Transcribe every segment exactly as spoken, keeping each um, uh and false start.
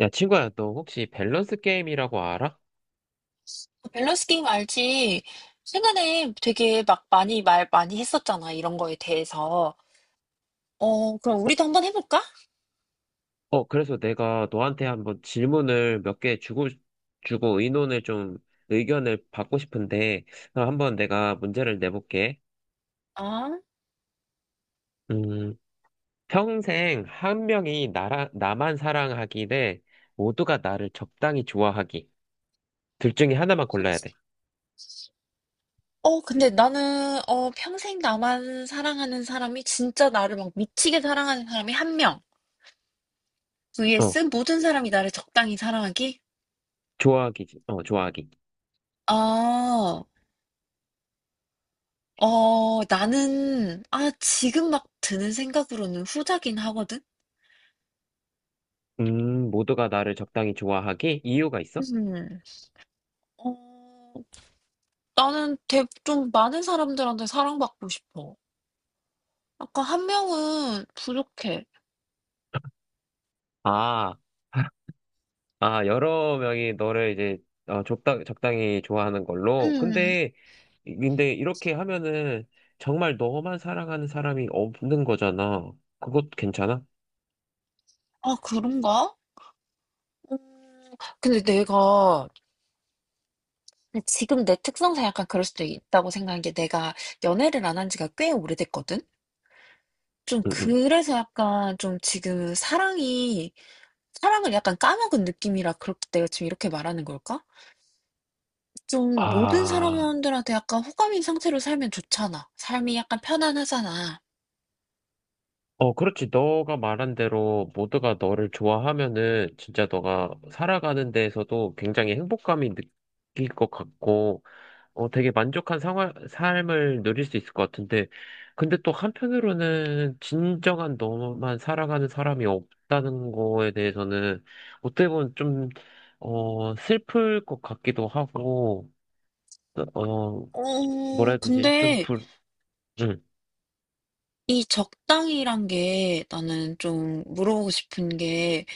야, 친구야, 너 혹시 밸런스 게임이라고 알아? 밸런스 게임 알지? 최근에 되게 막 많이 말 많이 했었잖아, 이런 거에 대해서. 어, 그럼 어, 우리도 한번 해볼까? 어, 그래서 내가 너한테 한번 질문을 몇 개 주고, 주고 의논을 좀, 의견을 받고 싶은데, 어, 한번 내가 문제를 내볼게. 아, 음, 평생 한 명이 나라, 나만 사랑하기 대 모두가 나를 적당히 좋아하기. 둘 중에 하나만 골라야 돼. 어, 근데 나는, 어, 평생 나만 사랑하는 사람이, 진짜 나를 막 미치게 사랑하는 사람이 한 명. 어, vs 모든 사람이 나를 적당히 사랑하기? 좋아하기지. 어, 좋아하기. 아 어, 나는, 아, 지금 막 드는 생각으로는 후자긴 하거든? 음, 모두가 나를 적당히 좋아하기? 이유가 있어? 음, 어, 나는 대, 좀 많은 사람들한테 사랑받고 싶어. 아까 한 명은 부족해. 아. 아, 여러 명이 너를 이제 어, 적당, 적당히 좋아하는 걸로. 음. 근데, 근데 이렇게 하면은 정말 너만 사랑하는 사람이 없는 거잖아. 그것 괜찮아? 아, 그런가? 음. 근데 내가 지금 내 특성상 약간 그럴 수도 있다고 생각한 게 내가 연애를 안 한 지가 꽤 오래됐거든? 좀 응, 응. 그래서 약간 좀 지금 사랑이 사랑을 약간 까먹은 느낌이라 그렇 내가 지금 이렇게 말하는 걸까? 좀 모든 아, 사람들한테 약간 호감인 상태로 살면 좋잖아. 삶이 약간 편안하잖아. 어, 그렇지. 너가 말한 대로 모두가 너를 좋아하면은 진짜 너가 살아가는 데에서도 굉장히 행복감이 느낄 것 같고, 어, 되게 만족한 생활, 삶을 누릴 수 있을 것 같은데, 근데 또 한편으로는 진정한 너만 살아가는 사람이 없다는 거에 대해서는 어떻게 보면 좀, 어, 슬플 것 같기도 하고, 어, 뭐라 어 해야 되지? 좀 근데 불, 음. 이 적당이란 게 나는 좀 물어보고 싶은 게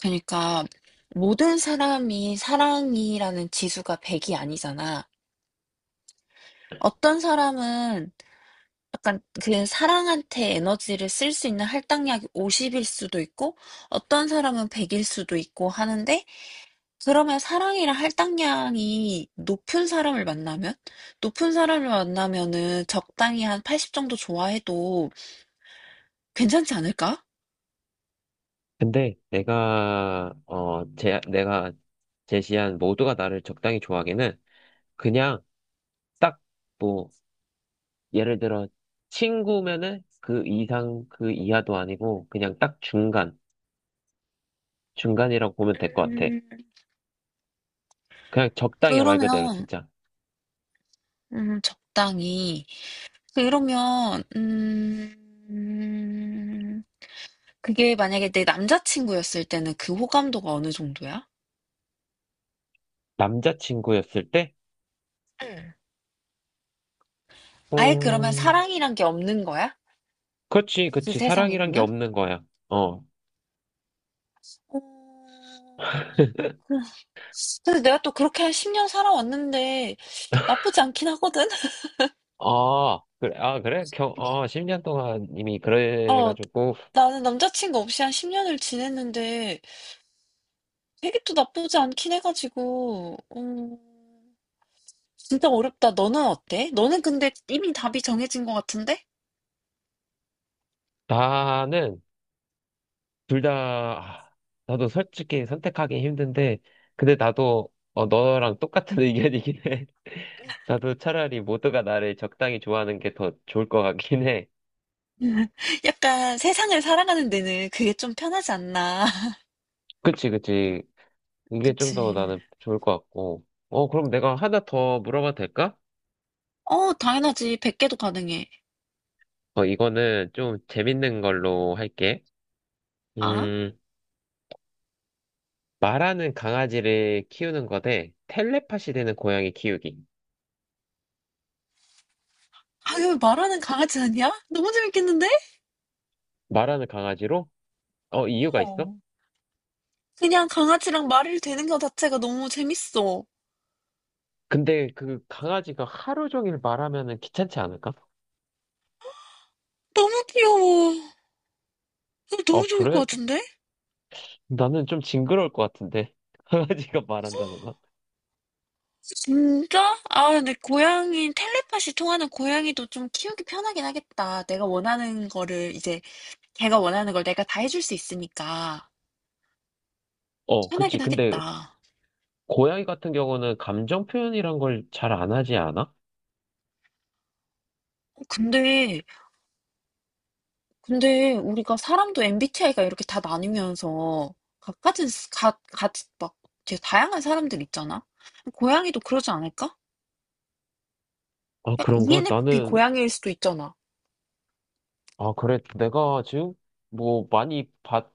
그러니까 모든 사람이 사랑이라는 지수가 백이 아니잖아. 어떤 사람은 약간 그 사랑한테 에너지를 쓸 수 있는 할당량이 오십일 수도 있고 어떤 사람은 백일 수도 있고 하는데 그러면 사랑이랑 할당량이 높은 사람을 만나면 높은 사람을 만나면은 적당히 한 팔십 정도 좋아해도 괜찮지 않을까? 근데 내가, 어, 제, 내가 제시한 모두가 나를 적당히 좋아하기는 그냥 딱뭐 예를 들어 친구면은 그 이상 그 이하도 아니고 그냥 딱 중간 중간이라고 보면 될 것 같아. 음, 그냥 적당이야 말 그대로 그러면 진짜 음, 적당히. 그러면 음, 그게 만약에 내 남자친구였을 때는 그 호감도가 어느 정도야? 남자친구였을 때, 응. 아예 그러면 어, 사랑이란 게 없는 거야? 그렇지 그 그렇지 사랑이란 게 세상에서는? 없는 거야. 어, 어, 그- 근데 내가 또 그렇게 한 십 년 살아왔는데 나쁘지 않긴 하거든? 아 그래 아 그래 겨, 어 십 년 동안 이미 어, 그래가지고 나는 남자친구 없이 한 십 년을 지냈는데 되게 또 나쁘지 않긴 해가지고, 음, 진짜 어렵다. 너는 어때? 너는 근데 이미 답이 정해진 것 같은데? 나는 둘 다 아, 나도 솔직히 선택하기 힘든데 근데 나도 어, 너랑 똑같은 의견이긴 해. 나도 차라리 모두가 나를 적당히 좋아하는 게 더 좋을 것 같긴 해. 약간 세상을 살아가는 데는 그게 좀 편하지 않나. 그치, 그치. 이게 좀 더 그치. 나는 좋을 것 같고. 어, 그럼 내가 하나 더 물어봐도 될까? 어, 당연하지. 백 개도 가능해. 어, 이거는 좀 재밌는 걸로 할게. 아? 음, 말하는 강아지를 키우는 거대 텔레파시 되는 고양이 키우기. 아왜 말하는 강아지 아니야? 너무 재밌겠는데? 말하는 강아지로? 어, 이유가 있어? 어. 그냥 강아지랑 말을 되는 것 자체가 너무 재밌어. 근데 그 강아지가 하루 종일 말하면은 귀찮지 않을까? 너무 귀여워. 이거 어, 너무 좋을 것 그래? 같은데? 나는 좀 징그러울 것 같은데. 강아지가 말한다는 건? 진짜? 아, 근데 고양이, 텔레파시 통하는 고양이도 좀 키우기 편하긴 하겠다. 내가 원하는 거를 이제 걔가 원하는 걸 내가 다 해줄 수 있으니까 어, 그치. 편하긴 근데 하겠다. 고양이 같은 경우는 감정 표현이란 걸 잘 안 하지 않아? 어, 근데, 근데 우리가 사람도 엠비티아이가 이렇게 다 나뉘면서 각가은 각, 각, 막 되게 다양한 사람들 있잖아? 고양이도 그러지 않을까? 아, 약간 그런가? 이엔에프피 나는, 고양이일 수도 있잖아. 아, 그래. 내가 지금 뭐 많이 봤,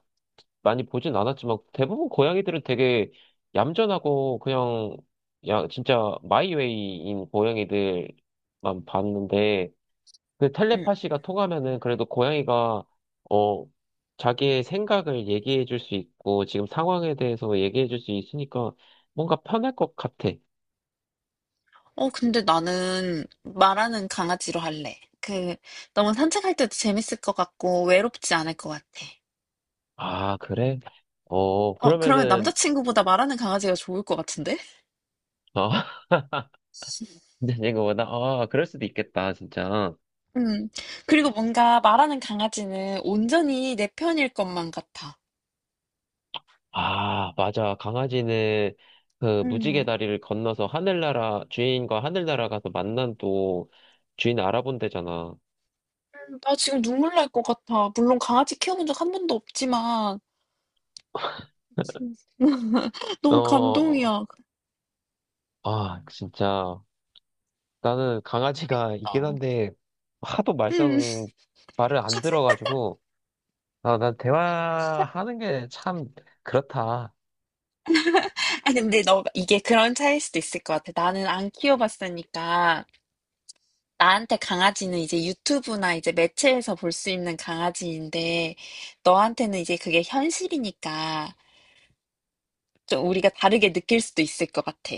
많이 보진 않았지만 대부분 고양이들은 되게 얌전하고 그냥, 야, 진짜 마이웨이인 고양이들만 봤는데 그 응. 텔레파시가 통하면은 그래도 고양이가, 어, 자기의 생각을 얘기해 줄 수 있고 지금 상황에 대해서 얘기해 줄 수 있으니까 뭔가 편할 것 같아. 어, 근데 나는 말하는 강아지로 할래. 그, 너무 산책할 때도 재밌을 것 같고 외롭지 않을 것 같아. 아, 그래? 어, 어, 그러면 그러면은, 남자친구보다 말하는 강아지가 좋을 것 같은데? 어, 이제 이거보다, 아, 그럴 수도 있겠다, 진짜. 음. 그리고 뭔가 말하는 강아지는 온전히 내 편일 것만 같아. 아, 맞아. 강아지는 그 무지개 음. 다리를 건너서 하늘나라, 주인과 하늘나라 가서 만난 또 주인 알아본대잖아. 음. 나 지금 눈물 날 것 같아. 물론 강아지 키워본 적 한 번도 없지만 음. 너무 어, 감동이야. 아, 진짜. 나는 강아지가 있긴 재밌다. 한데, 하도 음. 말썽 말을 안 들어가지고, 아, 난 대화하는 게 참 그렇다. 아 근데 너 이게 그런 차이일 수도 있을 것 같아. 나는 안 키워봤으니까 나한테 강아지는 이제 유튜브나 이제 매체에서 볼 수 있는 강아지인데 너한테는 이제 그게 현실이니까 좀 우리가 다르게 느낄 수도 있을 것 같아.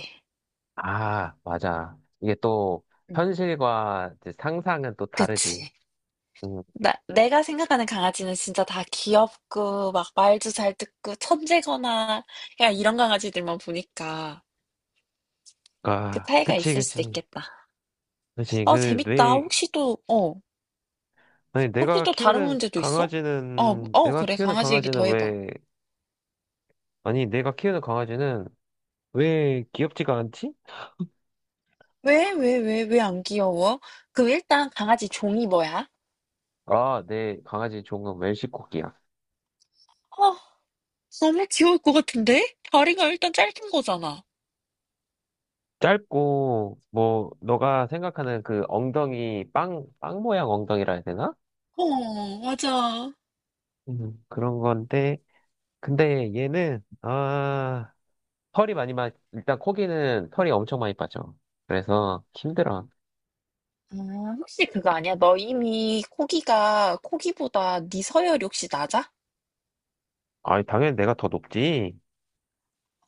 아, 맞아. 이게 또 음. 현실과 이제 상상은 또 다르지. 그치. 음, 나, 내가 생각하는 강아지는 진짜 다 귀엽고, 막 말도 잘 듣고, 천재거나, 그냥 이런 강아지들만 보니까 그 아, 차이가 그치, 있을 그치, 수도 있겠다. 그치. 어, 그 내, 재밌다. 혹시 또, 어, 아니 혹시 내가 또 다른 키우는 문제도 있어? 어, 강아지는 어, 내가 그래. 키우는 강아지 얘기 강아지는 더 해봐. 왜 아니 내가 키우는 강아지는 왜 귀엽지가 않지? 왜, 왜, 왜, 왜 안 귀여워? 그럼 일단 강아지 종이 뭐야? 아, 내 강아지 종은 웰시코기야. 어, 너무 귀여울 것 같은데? 다리가 일단 짧은 거잖아. 짧고 뭐 너가 생각하는 그 엉덩이 빵, 빵 모양 엉덩이라 해야 되나? 어, 맞아. 음, 그런 건데 근데 얘는 아. 털이 많이 마, 일단 코기는 털이 엄청 많이 빠져. 그래서 힘들어. 아, 혹시 그거 아니야? 너 이미 코기가 코기보다 네 서열이 혹시 낮아? 아, 당연히 내가 더 높지.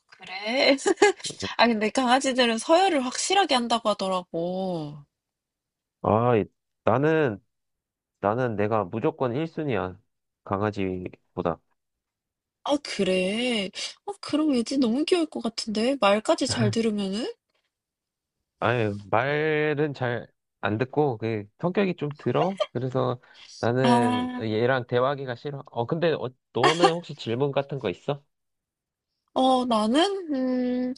그래? 아 근데 강아지들은 서열을 확실하게 한다고 하더라고. 아, 나는, 나는 내가 무조건 일 순위야. 강아지보다. 아 그래? 아 그럼 왠지 너무 귀여울 것 같은데 말까지 잘 들으면은? 아유, 말은 잘 안 듣고, 그, 성격이 좀 들어? 그래서 나는 아, 얘랑 대화하기가 싫어. 어, 근데 어, 너는 혹시 질문 같은 거 있어? 어 나는 음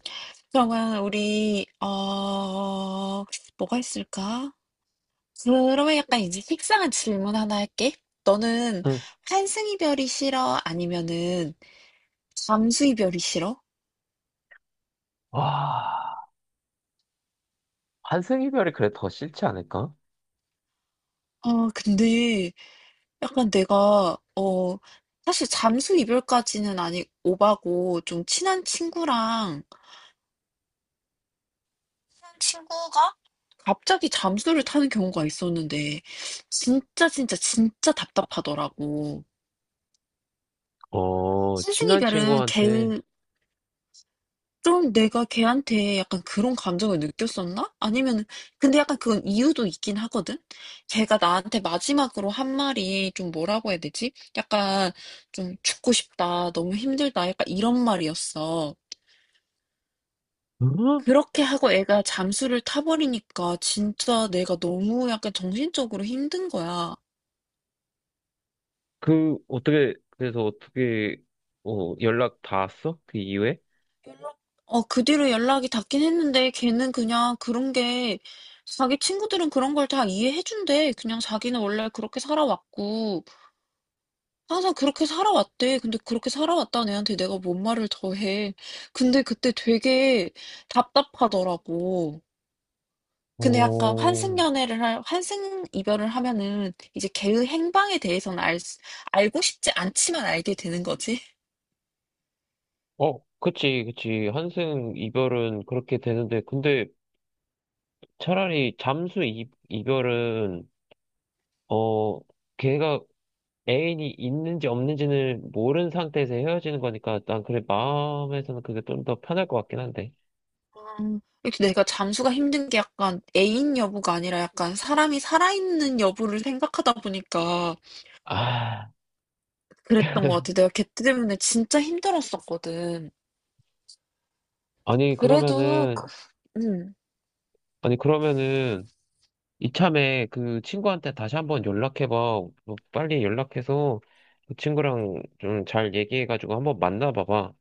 그러면 우리 어 뭐가 있을까? 그러면 약간 이제 식상한 질문 하나 할게. 너는 응. 환승이별이 싫어? 아니면은 잠수이별이 싫어? 와, 환승 이별이 그래 더 싫지 않을까? 아 근데 약간 내가 어 사실 잠수 이별까지는 아니 오바고 좀 친한 친구랑 친한 친구가 갑자기 잠수를 타는 경우가 있었는데 진짜 진짜 진짜 답답하더라고. 어, 스승 친한 이별은 친구한테. 개응 좀 내가 걔한테 약간 그런 감정을 느꼈었나? 아니면은 근데 약간 그건 이유도 있긴 하거든. 걔가 나한테 마지막으로 한 말이 좀 뭐라고 해야 되지? 약간 좀 죽고 싶다, 너무 힘들다, 약간 이런 말이었어. 응? 그렇게 하고 애가 잠수를 타버리니까 진짜 내가 너무 약간 정신적으로 힘든 거야. 그, 어떻게, 그래서 어떻게, 어, 연락 닿았어? 그 이후에? 연락, 어, 그 뒤로 연락이 닿긴 했는데 걔는 그냥 그런 게 자기 친구들은 그런 걸 다 이해해준대. 그냥 자기는 원래 그렇게 살아왔고. 항상 그렇게 살아왔대. 근데 그렇게 살아왔다는 애한테 내가 뭔 말을 더 해. 근데 그때 되게 답답하더라고. 근데 약간 환승 어, 연애를 할, 환승 이별을 하면은 이제 걔의 행방에 대해서는 알, 수- 알고 싶지 않지만 알게 되는 거지. 어, 그치, 그치. 한승 이별은 그렇게 되는데, 근데 차라리 잠수 이, 이별은, 어, 걔가 애인이 있는지 없는지는 모르는 상태에서 헤어지는 거니까, 난 그래, 마음에서는 그게 좀 더 편할 것 같긴 한데. 음, 이렇게 내가 잠수가 힘든 게 약간 애인 여부가 아니라 약간 사람이 살아있는 여부를 생각하다 보니까 아, 그랬던 것 같아. 내가 걔 때문에 진짜 힘들었었거든. 아니, 그래도, 그- 그러면은, 음. 아니, 그러면은, 이참에 그 친구한테 다시 한번 연락해봐. 뭐 빨리 연락해서 그 친구랑 좀 잘 얘기해가지고 한번 만나봐봐.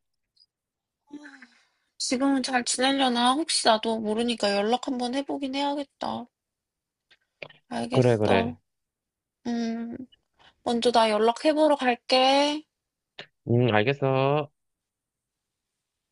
지금은 잘 지내려나? 혹시 나도 모르니까 연락 한번 해보긴 해야겠다. 그래, 알겠어. 그래. 음, 먼저 나 연락해보러 갈게. 응, 알겠어.